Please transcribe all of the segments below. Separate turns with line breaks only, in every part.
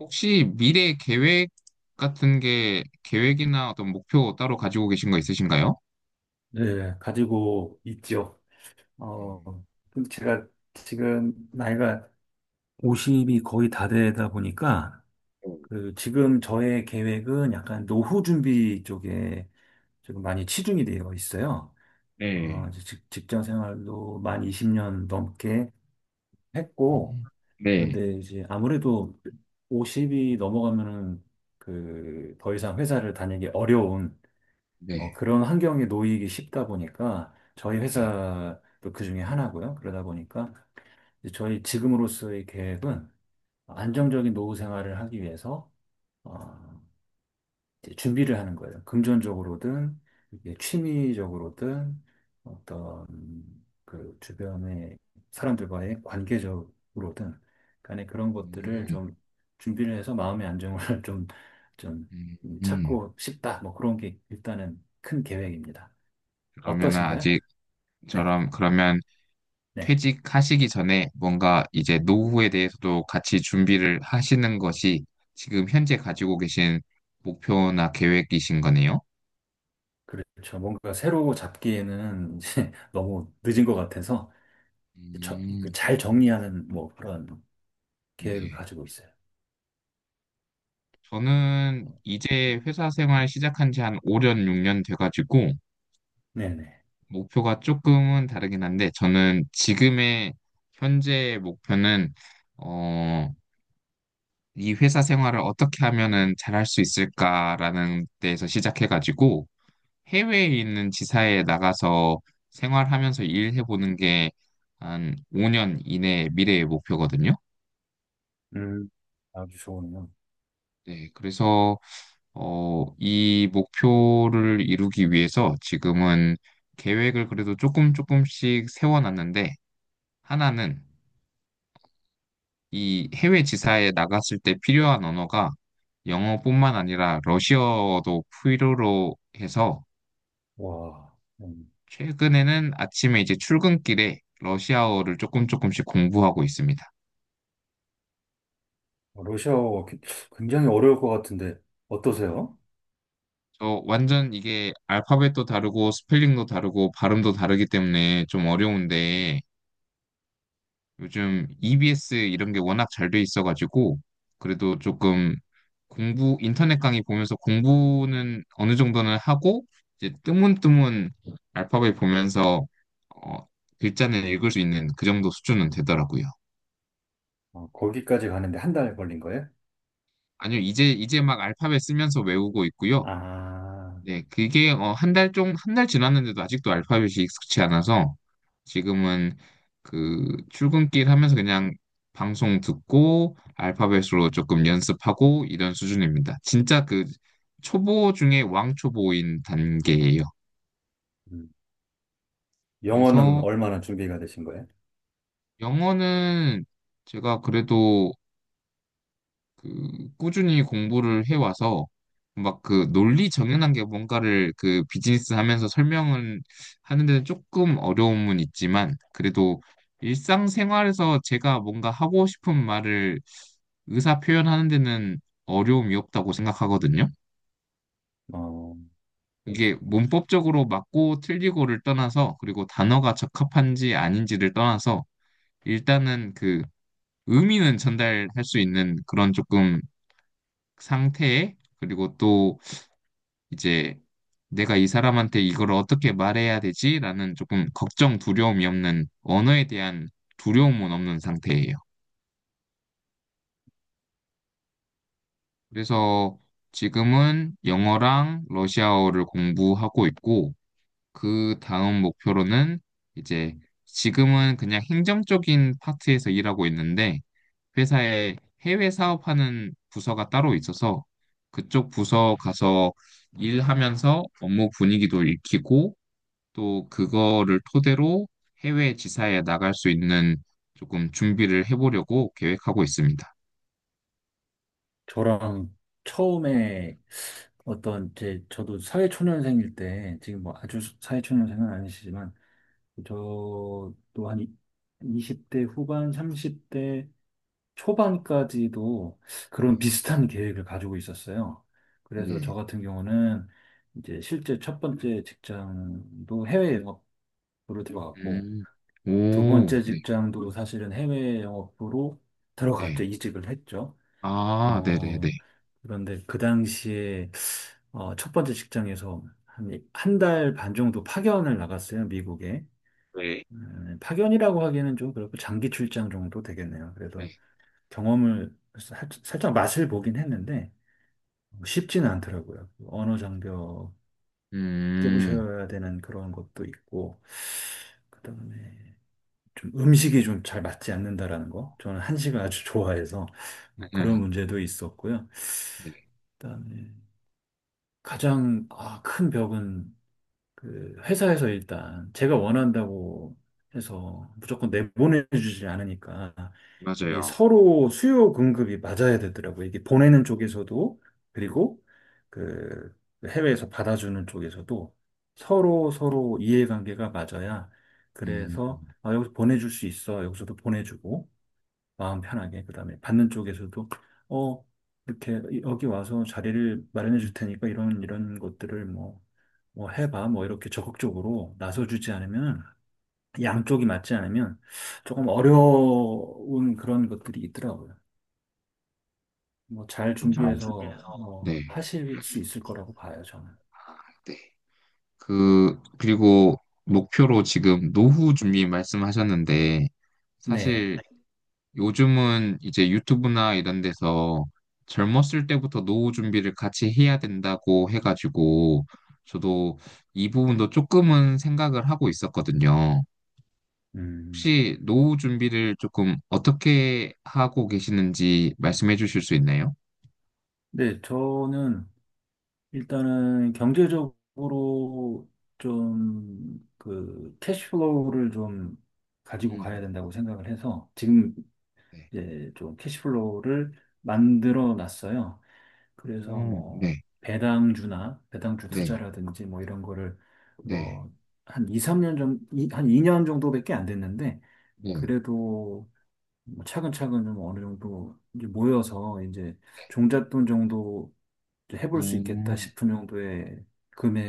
혹시 미래 계획 같은 게 계획이나 어떤 목표 따로 가지고 계신 거 있으신가요?
네, 가지고 있죠. 어,
음,
근데 제가 지금 나이가 50이 거의 다 되다 보니까,
네.
그, 지금 저의 계획은 약간 노후 준비 쪽에 지금 많이 치중이 되어 있어요.
네,
이제 직장 생활도 만 20년 넘게
음,
했고,
네,
그런데 이제 아무래도 50이 넘어가면은 그, 더 이상 회사를 다니기 어려운 뭐
네,
그런 환경에 놓이기 쉽다 보니까 저희
네.
회사도 그 중에 하나고요. 그러다 보니까 이제 저희 지금으로서의 계획은 안정적인 노후 생활을 하기 위해서 어, 이제 준비를 하는 거예요. 금전적으로든 이게 취미적으로든 어떤 그 주변의 사람들과의 관계적으로든 간에 그런 것들을
음,
좀 준비를 해서 마음의 안정을 좀,
음.
찾고 싶다. 뭐 그런 게 일단은 큰 계획입니다.
그러면은
어떠신가요?
아직
네,
저럼 그러면
네.
퇴직하시기 전에 뭔가 이제 노후에 대해서도 같이 준비를 하시는 것이 지금 현재 가지고 계신 목표나 계획이신 거네요?
그렇죠. 뭔가 새로 잡기에는 이제 너무 늦은 것 같아서
음,
그잘 정리하는 뭐 그런 계획을
네.
가지고 있어요.
저는 이제 회사 생활 시작한 지 한 5년, 6년 돼가지고,
네네.
목표가 조금은 다르긴 한데, 저는 지금의 현재 목표는, 어, 이 회사 생활을 어떻게 하면은 잘할 수 있을까라는 데에서 시작해가지고, 해외에 있는 지사에 나가서 생활하면서 일해보는 게 한 5년 이내 미래의 목표거든요.
음, 아주 좋으네요.
네, 그래서 이 목표를 이루기 위해서 지금은 계획을 그래도 조금 조금씩 세워놨는데, 하나는 이 해외 지사에 나갔을 때 필요한 언어가 영어뿐만 아니라 러시아어도 필요로 해서
와,
최근에는 아침에 이제 출근길에 러시아어를 조금 조금씩 공부하고 있습니다.
러시아어 굉장히 어려울 것 같은데 어떠세요?
저 완전 이게 알파벳도 다르고 스펠링도 다르고 발음도 다르기 때문에 좀 어려운데, 요즘 EBS 이런 게 워낙 잘 돼 있어가지고 그래도 조금 공부 인터넷 강의 보면서 공부는 어느 정도는 하고 이제 뜨문뜨문 알파벳 보면서 어, 글자는 읽을 수 있는 그 정도 수준은 되더라고요.
거기까지 가는데 한 달 걸린 거예요?
아니요, 이제 막 알파벳 쓰면서 외우고 있고요.
아,
네, 그게 한 달 지났는데도 아직도 알파벳이 익숙치 않아서 지금은 그 출근길 하면서 그냥 방송 듣고 알파벳으로 조금 연습하고 이런 수준입니다. 진짜 그 초보 중에 왕초보인 단계예요.
음. 영어는
그래서
얼마나 준비가 되신 거예요?
영어는 제가 그래도 그 꾸준히 공부를 해와서 막 그 논리 정연한 게 뭔가를 그 비즈니스 하면서 설명은 하는 데는 조금 어려움은 있지만 그래도 일상생활에서 제가 뭔가 하고 싶은 말을 의사 표현하는 데는 어려움이 없다고 생각하거든요.
어,
이게
그러시구나.
문법적으로 맞고 틀리고를 떠나서 그리고 단어가 적합한지 아닌지를 떠나서 일단은 그 의미는 전달할 수 있는 그런 조금 상태 그리고 또 이제 내가 이 사람한테 이걸 어떻게 말해야 되지라는 조금 걱정, 두려움이 없는 언어에 대한 두려움은 없는 상태예요. 그래서 지금은 영어랑 러시아어를 공부하고 있고 그 다음 목표로는 이제 지금은 그냥 행정적인 파트에서 일하고 있는데 회사에 해외 사업하는 부서가 따로 있어서 그쪽 부서 가서 일하면서 업무 분위기도 익히고 또 그거를 토대로 해외 지사에 나갈 수 있는 조금 준비를 해보려고 계획하고 있습니다.
저랑 처음에 어떤 제 저도 사회초년생일 때 지금 뭐 아주 사회초년생은 아니시지만 저도 한 20대 후반, 30대 초반까지도 그런 비슷한 계획을 가지고 있었어요. 그래서
네.
저 같은 경우는 이제 실제 첫 번째 직장도 해외 영업으로 들어갔고
음.
두
오,
번째
네,
직장도 사실은 해외 영업으로 들어갔죠.
네.
이직을 했죠.
아, 네네네.
어, 그런데 그 당시에 첫 번째 직장에서 한, 한 달 반 정도 파견을 나갔어요, 미국에.
네,
파견이라고 하기에는 좀 그렇고 장기 출장 정도 되겠네요.
네.
그래서 경험을 살짝 맛을 보긴 했는데 쉽지는 않더라고요. 그 언어 장벽
네. 음.
깨부셔야 되는 그런 것도 있고, 그다음에 좀 음식이 좀 잘 맞지 않는다라는 거. 저는 한식을 아주 좋아해서 뭐 그런 문제도 있었고요.
네.
그다음에 가장 큰 벽은 그 회사에서 일단 제가 원한다고 해서 무조건 내보내주지 않으니까 이게
맞아요.
서로 수요 공급이 맞아야 되더라고요. 이게 보내는 쪽에서도 그리고 그 해외에서 받아주는 쪽에서도 서로 서로 이해관계가 맞아야
음,
그래서 아, 여기서 보내줄 수 있어. 여기서도 보내주고 마음 편하게 그다음에 받는 쪽에서도 어 이렇게 여기 와서 자리를 마련해 줄 테니까 이런 이런 것들을 뭐 뭐 해봐 뭐 이렇게 적극적으로 나서주지 않으면 양쪽이 맞지 않으면 조금 어려운 그런 것들이 있더라고요. 뭐 잘
그럼 그
준비해서
네.
뭐 하실 수 있을 거라고 봐요 저는.
아, 네. 그리고 목표로 지금 노후 준비 말씀하셨는데,
네.
사실 요즘은 이제 유튜브나 이런 데서 젊었을 때부터 노후 준비를 같이 해야 된다고 해가지고 저도 이 부분도 조금은 생각을 하고 있었거든요.
음.
혹시 노후 준비를 조금 어떻게 하고 계시는지 말씀해 주실 수 있나요?
네 저는 일단은 경제적으로 좀 그 캐시플로우를 좀 가지고 가야
음,
된다고 생각을 해서 지금
네.
이제 좀 캐시플로우를 만들어 놨어요. 그래서
오,
뭐
네,
배당주나 배당주
네,
투자라든지 뭐 이런 거를
네,
뭐 한 2, 3년 정도, 한 2년 정도밖에 안 됐는데
네.
그래도 뭐 차근차근 좀 어느 정도 이제 모여서 이제 종잣돈 정도
오,
해볼 수 있겠다 싶은 정도의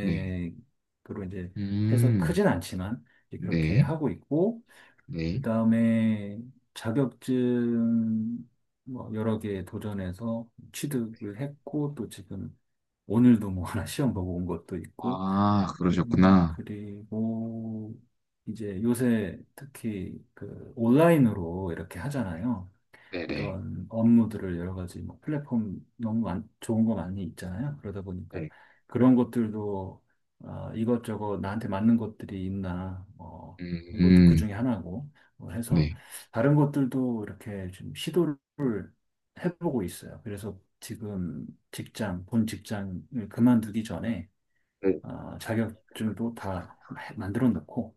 네.
이제 해서
음,
크진 않지만 이제 그렇게
네,
하고 있고
네.
그다음에 자격증 뭐 여러 개 도전해서 취득을 했고 또 지금 오늘도 뭐 하나 시험 보고 온 것도 있고
아, 그러셨구나.
그리고 이제 요새 특히 그 온라인으로 이렇게 하잖아요.
네네.
이런 업무들을 여러 가지 뭐 플랫폼 너무 좋은 거 많이 있잖아요. 그러다
네.
보니까
네.
그런 것들도 아, 이것저것 나한테 맞는 것들이 있나 뭐 이것도 그
음,
중에 하나고 뭐 해서
네.
다른 것들도 이렇게 좀 시도를 해보고 있어요. 그래서 지금 직장, 본 직장을 그만두기 전에
네.
아, 자격증도 다 만들어 놓고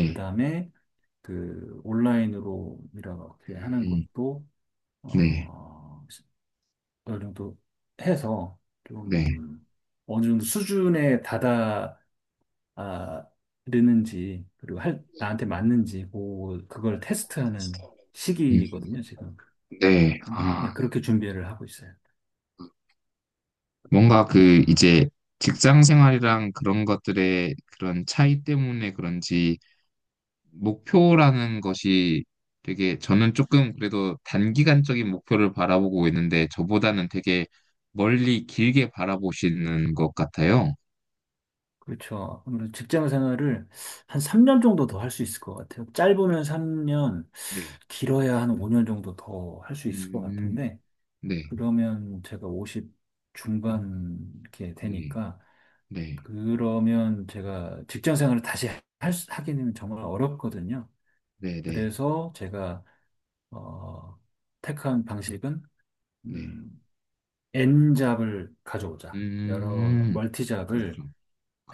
그 다음에 그 온라인으로 이렇게 하는
음,
것도
네.
어, 어느 정도 해서
네.
좀 어느 정도 수준에 다다르는지 그리고 나한테 맞는지 그걸 테스트하는
음,
시기거든요, 지금.
네. 아,
네, 그렇게 준비를 하고 있어요.
뭔가 그 이제 직장 생활이랑 그런 것들의 그런 차이 때문에 그런지 목표라는 것이 되게 저는 조금 그래도 단기간적인 목표를 바라보고 있는데 저보다는 되게 멀리 길게 바라보시는 것 같아요.
그렇죠. 아무래도 직장 생활을 한 3년 정도 더 할 수 있을 것 같아요. 짧으면 3년,
네.
길어야 한 5년 정도 더 할 수 있을 것
음,
같은데,
네.
그러면 제가 50 중반 이렇게
네.
되니까,
네.
그러면 제가 직장 생활을 다시 하게 되면 정말 어렵거든요.
네. 네.
그래서 제가 어, 택한 방식은
네.
음, N잡을 가져오자. 여러
음,
멀티잡을
그렇죠.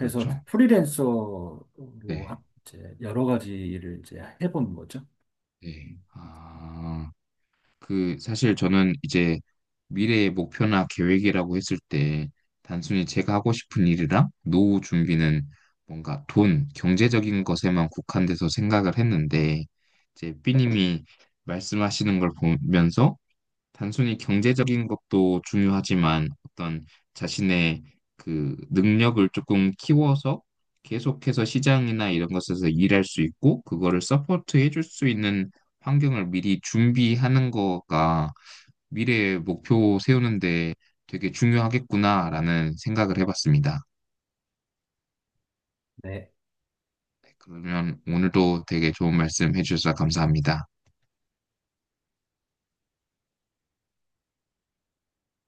해서 프리랜서로
네.
이제 여러 가지 일을 이제 해본 거죠.
네.
음,
아, 그, 사실 저는 이제 미래의 목표나 계획이라고 했을 때, 단순히 제가 하고 싶은 일이랑 노후 준비는 뭔가 돈, 경제적인 것에만 국한돼서 생각을 했는데, 이제 삐님이 말씀하시는 걸 보면서 단순히 경제적인 것도 중요하지만 어떤 자신의 그 능력을 조금 키워서 계속해서 시장이나 이런 것에서 일할 수 있고 그거를 서포트 해줄 수 있는 환경을 미리 준비하는 거가 미래의 목표 세우는데 되게 중요하겠구나라는 생각을 해봤습니다.
네.
네, 그러면 오늘도 되게 좋은 말씀 해주셔서 감사합니다.